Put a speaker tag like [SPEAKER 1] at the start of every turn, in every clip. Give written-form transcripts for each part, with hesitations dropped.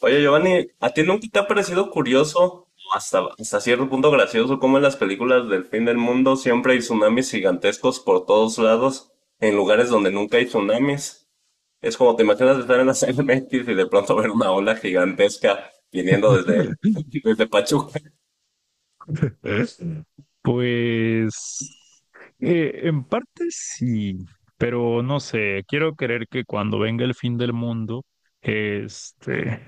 [SPEAKER 1] Oye, Giovanni, ¿a ti nunca te ha parecido curioso, o hasta cierto punto gracioso, cómo en las películas del fin del mundo siempre hay tsunamis gigantescos por todos lados, en lugares donde nunca hay tsunamis? Es como te imaginas estar en la CDMX y de pronto ver una ola gigantesca viniendo desde, desde Pachuca.
[SPEAKER 2] Pues en parte sí, pero no sé, quiero creer que cuando venga el fin del mundo, este,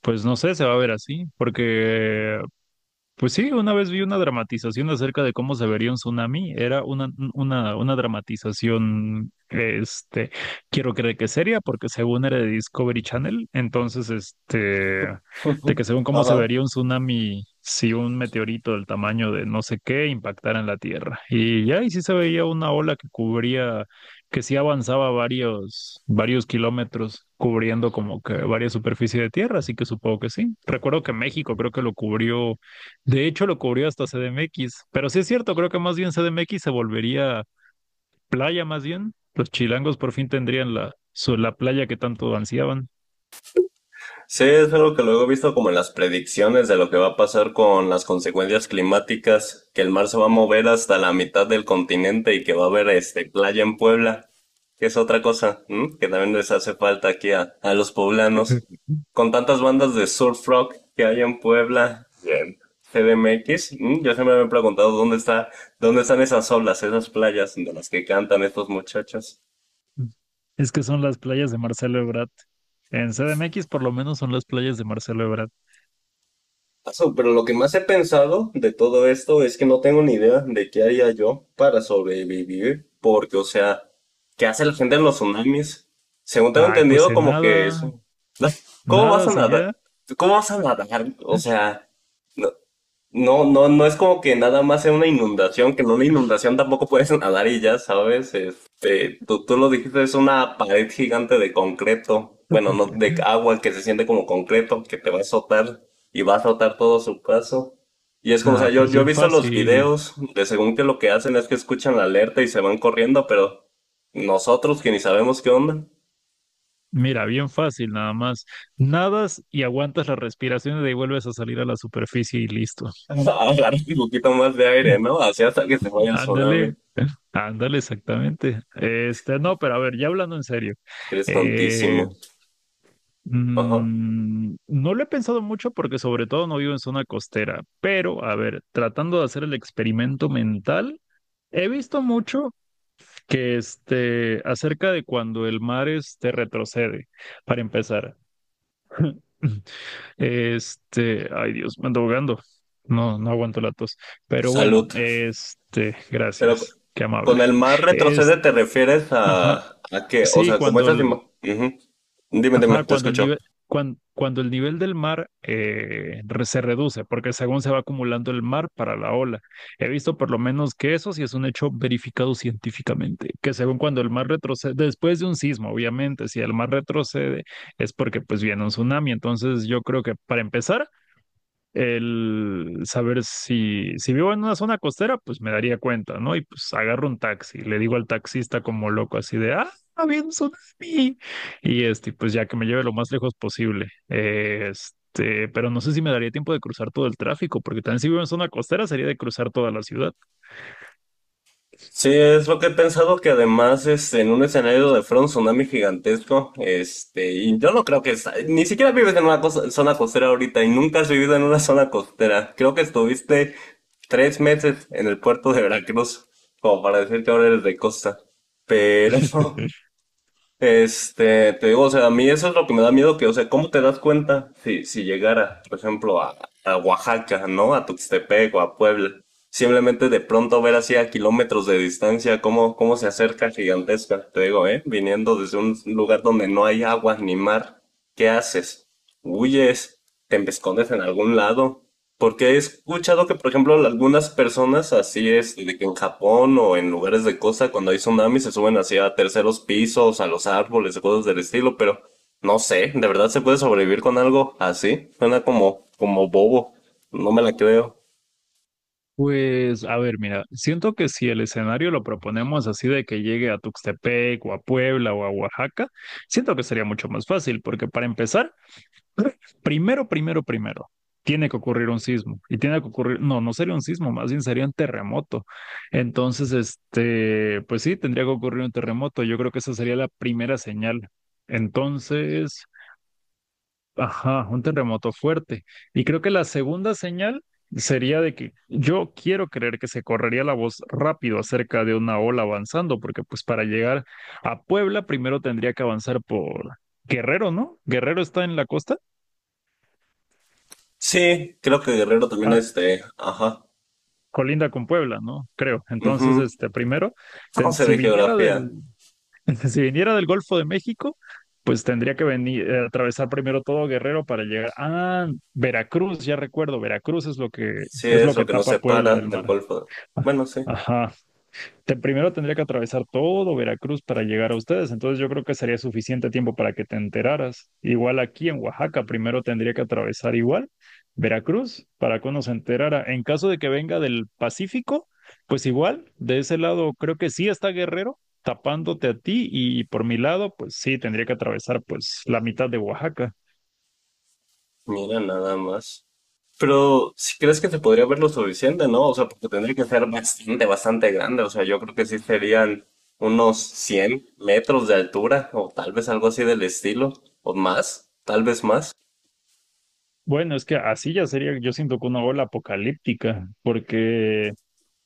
[SPEAKER 2] pues no sé, se va a ver así, porque pues sí, una vez vi una dramatización acerca de cómo se vería un tsunami. Era una dramatización, quiero creer que seria, porque según era de Discovery Channel, entonces, de que según cómo se
[SPEAKER 1] Ajá.
[SPEAKER 2] vería un tsunami si un meteorito del tamaño de no sé qué impactara en la Tierra. Y ya, y sí se veía una ola que cubría, que sí avanzaba varios kilómetros, cubriendo como que varias superficie de Tierra, así que supongo que sí. Recuerdo que México creo que lo cubrió de hecho, lo cubrió hasta CDMX, pero sí es cierto, creo que más bien CDMX se volvería playa más bien. Los chilangos por fin tendrían la playa que tanto ansiaban.
[SPEAKER 1] Sí, es algo que luego he visto como en las predicciones de lo que va a pasar con las consecuencias climáticas, que el mar se va a mover hasta la mitad del continente y que va a haber playa en Puebla, que es otra cosa, ¿m? Que también les hace falta aquí a los poblanos. Con tantas bandas de surf rock que hay en Puebla y en CDMX, ¿m? X, ¿m? Yo siempre me he preguntado dónde dónde están esas olas, esas playas de las que cantan estos muchachos.
[SPEAKER 2] Es que son las playas de Marcelo Ebrard. En CDMX por lo menos son las playas de Marcelo Ebrard.
[SPEAKER 1] Pero lo que más he pensado de todo esto es que no tengo ni idea de qué haría yo para sobrevivir, porque, o sea, ¿qué hace la gente en los tsunamis? Según tengo
[SPEAKER 2] Ay, pues
[SPEAKER 1] entendido,
[SPEAKER 2] en
[SPEAKER 1] como que
[SPEAKER 2] nada,
[SPEAKER 1] eso. ¿Cómo vas
[SPEAKER 2] nada
[SPEAKER 1] a
[SPEAKER 2] si ya.
[SPEAKER 1] nadar? ¿Cómo vas a nadar? O sea, no, no, no, no es como que nada más sea una inundación, que en una inundación tampoco puedes nadar y ya sabes, tú lo dijiste, es una pared gigante de concreto, bueno, no, de agua que se siente como concreto, que te va a azotar y va a azotar todo su paso. Y es como, o sea,
[SPEAKER 2] Ah, pues
[SPEAKER 1] yo he
[SPEAKER 2] bien
[SPEAKER 1] visto los
[SPEAKER 2] fácil.
[SPEAKER 1] videos de según que lo que hacen es que escuchan la alerta y se van corriendo, pero nosotros que ni sabemos qué onda,
[SPEAKER 2] Mira, bien fácil nada más. Nadas y aguantas las respiraciones y de ahí vuelves a salir a la superficie y listo.
[SPEAKER 1] agarran un poquito más de aire, ¿no? Así hasta que se vaya el tsunami.
[SPEAKER 2] Ándale, Ándale, exactamente. No, pero a ver, ya hablando en serio,
[SPEAKER 1] Es que eres
[SPEAKER 2] eh,
[SPEAKER 1] tontísimo. Ajá.
[SPEAKER 2] no lo he pensado mucho porque sobre todo no vivo en zona costera, pero a ver, tratando de hacer el experimento mental, he visto mucho que acerca de cuando el mar este retrocede, para empezar. Ay Dios, me ando ahogando. No, no aguanto la tos. Pero bueno,
[SPEAKER 1] Salud. Pero
[SPEAKER 2] gracias, qué
[SPEAKER 1] con el
[SPEAKER 2] amable.
[SPEAKER 1] mar retrocede
[SPEAKER 2] Este,
[SPEAKER 1] te refieres
[SPEAKER 2] Ajá,
[SPEAKER 1] a que, o
[SPEAKER 2] sí,
[SPEAKER 1] sea, como
[SPEAKER 2] cuando
[SPEAKER 1] esas
[SPEAKER 2] el,
[SPEAKER 1] imágenes. Dime, dime,
[SPEAKER 2] ajá,
[SPEAKER 1] te
[SPEAKER 2] cuando el
[SPEAKER 1] escucho.
[SPEAKER 2] nivel, cuando el nivel del mar se reduce, porque según se va acumulando el mar para la ola. He visto por lo menos que eso sí es un hecho verificado científicamente, que según cuando el mar retrocede, después de un sismo, obviamente, si el mar retrocede es porque pues viene un tsunami. Entonces yo creo que para empezar el saber si vivo en una zona costera, pues me daría cuenta, ¿no? Y pues agarro un taxi, le digo al taxista como loco así de, ah, había un tsunami. Y pues ya que me lleve lo más lejos posible. Pero no sé si me daría tiempo de cruzar todo el tráfico, porque también si vivo en zona costera sería de cruzar toda la ciudad.
[SPEAKER 1] Sí, es lo que he pensado que además en un escenario de front tsunami gigantesco, y yo no creo que ni siquiera vives en una zona costera ahorita y nunca has vivido en una zona costera. Creo que estuviste 3 meses en el puerto de Veracruz, como para decir que ahora eres de costa. Pero te digo, o sea, a mí eso es lo que me da miedo, que, o sea, ¿cómo te das cuenta si, si llegara, por ejemplo, a Oaxaca, ¿no? ¿A Tuxtepec o a Puebla? Simplemente de pronto ver así a kilómetros de distancia cómo se acerca gigantesca, te digo, ¿eh? Viniendo desde un lugar donde no hay agua ni mar, ¿qué haces? ¿Huyes? ¿Te escondes en algún lado? Porque he escuchado que, por ejemplo, algunas personas así es, de que en Japón o en lugares de costa, cuando hay tsunamis, se suben así a terceros pisos, a los árboles, cosas del estilo, pero no sé, ¿de verdad se puede sobrevivir con algo así? Suena como, como bobo, no me la creo.
[SPEAKER 2] Pues, a ver, mira, siento que si el escenario lo proponemos así de que llegue a Tuxtepec o a Puebla o a Oaxaca, siento que sería mucho más fácil, porque para empezar, primero, tiene que ocurrir un sismo y tiene que ocurrir, no, no sería un sismo, más bien sería un terremoto. Entonces, pues sí, tendría que ocurrir un terremoto. Yo creo que esa sería la primera señal. Entonces, ajá, un terremoto fuerte. Y creo que la segunda señal sería de que yo quiero creer que se correría la voz rápido acerca de una ola avanzando, porque pues para llegar a Puebla primero tendría que avanzar por Guerrero, ¿no? Guerrero está en la costa.
[SPEAKER 1] Sí, creo que Guerrero también ajá.
[SPEAKER 2] Colinda con Puebla, ¿no? Creo. Entonces,
[SPEAKER 1] Mhm.
[SPEAKER 2] primero,
[SPEAKER 1] No
[SPEAKER 2] ten-
[SPEAKER 1] sé
[SPEAKER 2] si
[SPEAKER 1] de
[SPEAKER 2] viniera del,
[SPEAKER 1] geografía.
[SPEAKER 2] si viniera del Golfo de México, pues tendría que venir, atravesar primero todo Guerrero para llegar. Ah, Veracruz, ya recuerdo, Veracruz es
[SPEAKER 1] Sí
[SPEAKER 2] es lo
[SPEAKER 1] es
[SPEAKER 2] que
[SPEAKER 1] lo que nos
[SPEAKER 2] tapa Puebla
[SPEAKER 1] separa
[SPEAKER 2] del
[SPEAKER 1] del
[SPEAKER 2] mar.
[SPEAKER 1] Golfo. Bueno, sí,
[SPEAKER 2] Ajá. Primero tendría que atravesar todo Veracruz para llegar a ustedes, entonces yo creo que sería suficiente tiempo para que te enteraras. Igual aquí en Oaxaca, primero tendría que atravesar igual Veracruz para que uno se enterara. En caso de que venga del Pacífico, pues igual, de ese lado creo que sí está Guerrero tapándote a ti y por mi lado, pues sí, tendría que atravesar pues la mitad de Oaxaca.
[SPEAKER 1] mira nada más. Pero ¿si crees que se podría ver lo suficiente, ¿no? O sea, porque tendría que ser bastante, bastante grande. O sea, yo creo que sí serían unos 100 metros de altura o tal vez algo así del estilo o más, tal vez más.
[SPEAKER 2] Bueno, es que así ya sería, yo siento que una ola apocalíptica, porque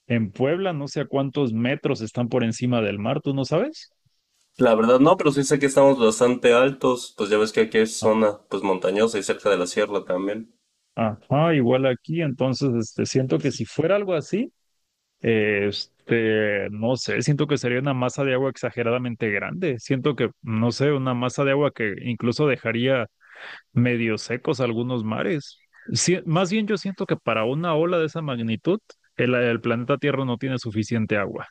[SPEAKER 2] en Puebla, no sé a cuántos metros están por encima del mar, ¿tú no sabes?
[SPEAKER 1] La verdad no, pero sí sé que estamos bastante altos. Pues ya ves que aquí es
[SPEAKER 2] Ah,
[SPEAKER 1] zona pues montañosa y cerca de la sierra también.
[SPEAKER 2] ajá, igual aquí, entonces, siento que si fuera algo así, no sé, siento que sería una masa de agua exageradamente grande. Siento que, no sé, una masa de agua que incluso dejaría medio secos algunos mares. Sí, más bien yo siento que para una ola de esa magnitud, el planeta Tierra no tiene suficiente agua.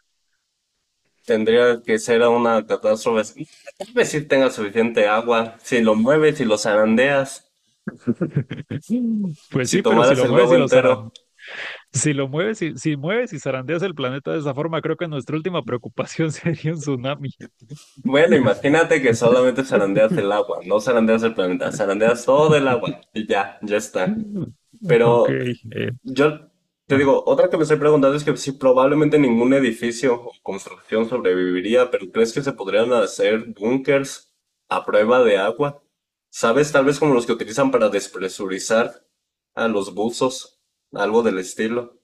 [SPEAKER 1] Tendría que ser una catástrofe. Tal vez sí tenga suficiente agua. Si lo mueves, si lo zarandeas,
[SPEAKER 2] Pues
[SPEAKER 1] si
[SPEAKER 2] sí, pero si
[SPEAKER 1] tomaras
[SPEAKER 2] lo
[SPEAKER 1] el
[SPEAKER 2] mueves
[SPEAKER 1] globo
[SPEAKER 2] y lo
[SPEAKER 1] entero.
[SPEAKER 2] zarandeas. Si lo mueves y si mueves y zarandeas el planeta de esa forma, creo que nuestra última preocupación sería un tsunami.
[SPEAKER 1] Bueno, imagínate que solamente zarandeas el agua, no zarandeas el planeta, zarandeas todo el agua y ya, ya está.
[SPEAKER 2] Ok.
[SPEAKER 1] Pero
[SPEAKER 2] eh,
[SPEAKER 1] yo te
[SPEAKER 2] ah,
[SPEAKER 1] digo, otra que me estoy preguntando es que si probablemente ningún edificio o construcción sobreviviría, pero ¿crees que se podrían hacer búnkers a prueba de agua? ¿Sabes? Tal vez como los que utilizan para despresurizar a los buzos, algo del estilo.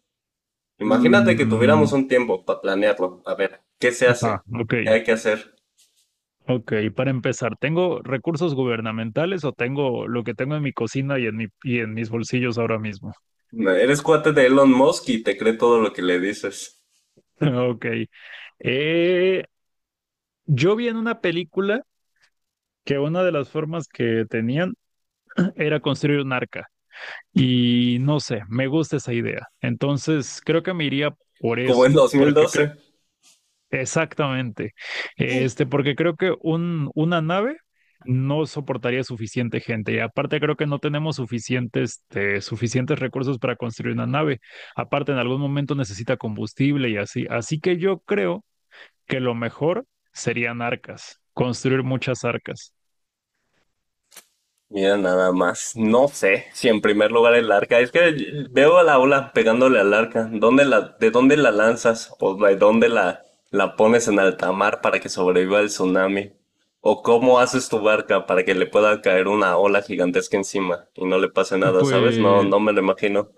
[SPEAKER 1] Imagínate que tuviéramos
[SPEAKER 2] mm,
[SPEAKER 1] un tiempo para planearlo. A ver, ¿qué se
[SPEAKER 2] ajá,
[SPEAKER 1] hace?
[SPEAKER 2] ok.
[SPEAKER 1] ¿Qué hay que hacer?
[SPEAKER 2] Ok, para empezar, ¿tengo recursos gubernamentales o tengo lo que tengo en mi cocina y en y en mis bolsillos ahora mismo?
[SPEAKER 1] Eres cuate de Elon Musk y te cree todo lo que le dices.
[SPEAKER 2] Ok. Eh, yo vi en una película que una de las formas que tenían era construir un arca. Y no sé, me gusta esa idea. Entonces, creo que me iría por
[SPEAKER 1] Como en
[SPEAKER 2] eso, porque creo,
[SPEAKER 1] 2012.
[SPEAKER 2] exactamente, porque creo que una nave no soportaría suficiente gente. Y aparte, creo que no tenemos suficientes, suficientes recursos para construir una nave. Aparte, en algún momento necesita combustible y así. Así que yo creo que lo mejor serían arcas, construir muchas arcas.
[SPEAKER 1] Mira, nada más. No sé si en primer lugar el arca. Es que veo a la ola pegándole al arca. ¿Dónde la, de dónde la lanzas? ¿O de dónde la pones en alta mar para que sobreviva el tsunami? ¿O cómo haces tu barca para que le pueda caer una ola gigantesca encima y no le pase nada, ¿sabes? No,
[SPEAKER 2] Pues
[SPEAKER 1] no me lo imagino.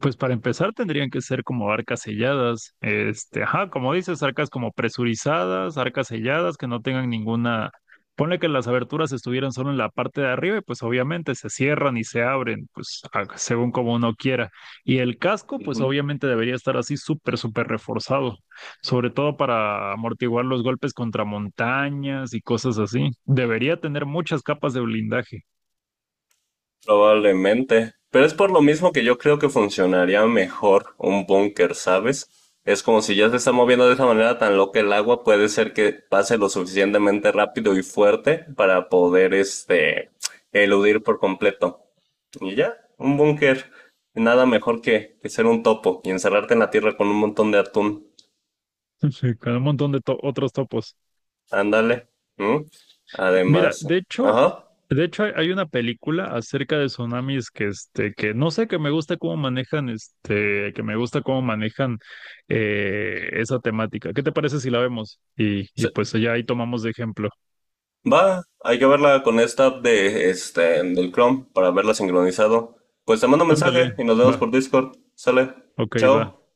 [SPEAKER 2] pues para empezar tendrían que ser como arcas selladas, ajá, como dices, arcas como presurizadas, arcas selladas que no tengan ninguna, ponle que las aberturas estuvieran solo en la parte de arriba y pues obviamente se cierran y se abren, según como uno quiera. Y el casco pues obviamente debería estar así súper reforzado, sobre todo para amortiguar los golpes contra montañas y cosas así. Debería tener muchas capas de blindaje,
[SPEAKER 1] Probablemente, pero es por lo mismo que yo creo que funcionaría mejor un búnker, ¿sabes? Es como si ya se está moviendo de esa manera tan loca el agua, puede ser que pase lo suficientemente rápido y fuerte para poder, eludir por completo. Y ya, un búnker, nada mejor que ser un topo y encerrarte en la tierra con un montón de atún.
[SPEAKER 2] con un montón de otros topos.
[SPEAKER 1] Ándale. ¿Mm?
[SPEAKER 2] Mira,
[SPEAKER 1] Además, ajá.
[SPEAKER 2] de hecho hay una película acerca de tsunamis que no sé, que me gusta cómo manejan, que me gusta cómo manejan esa temática. ¿Qué te parece si la vemos? Y
[SPEAKER 1] Sí.
[SPEAKER 2] pues allá ahí tomamos de ejemplo.
[SPEAKER 1] Va, hay que verla con esta app de, del Chrome para verla sincronizado. Pues te mando un mensaje
[SPEAKER 2] Ándale,
[SPEAKER 1] y nos vemos
[SPEAKER 2] va,
[SPEAKER 1] por Discord. Sale.
[SPEAKER 2] ok, va.
[SPEAKER 1] Chao.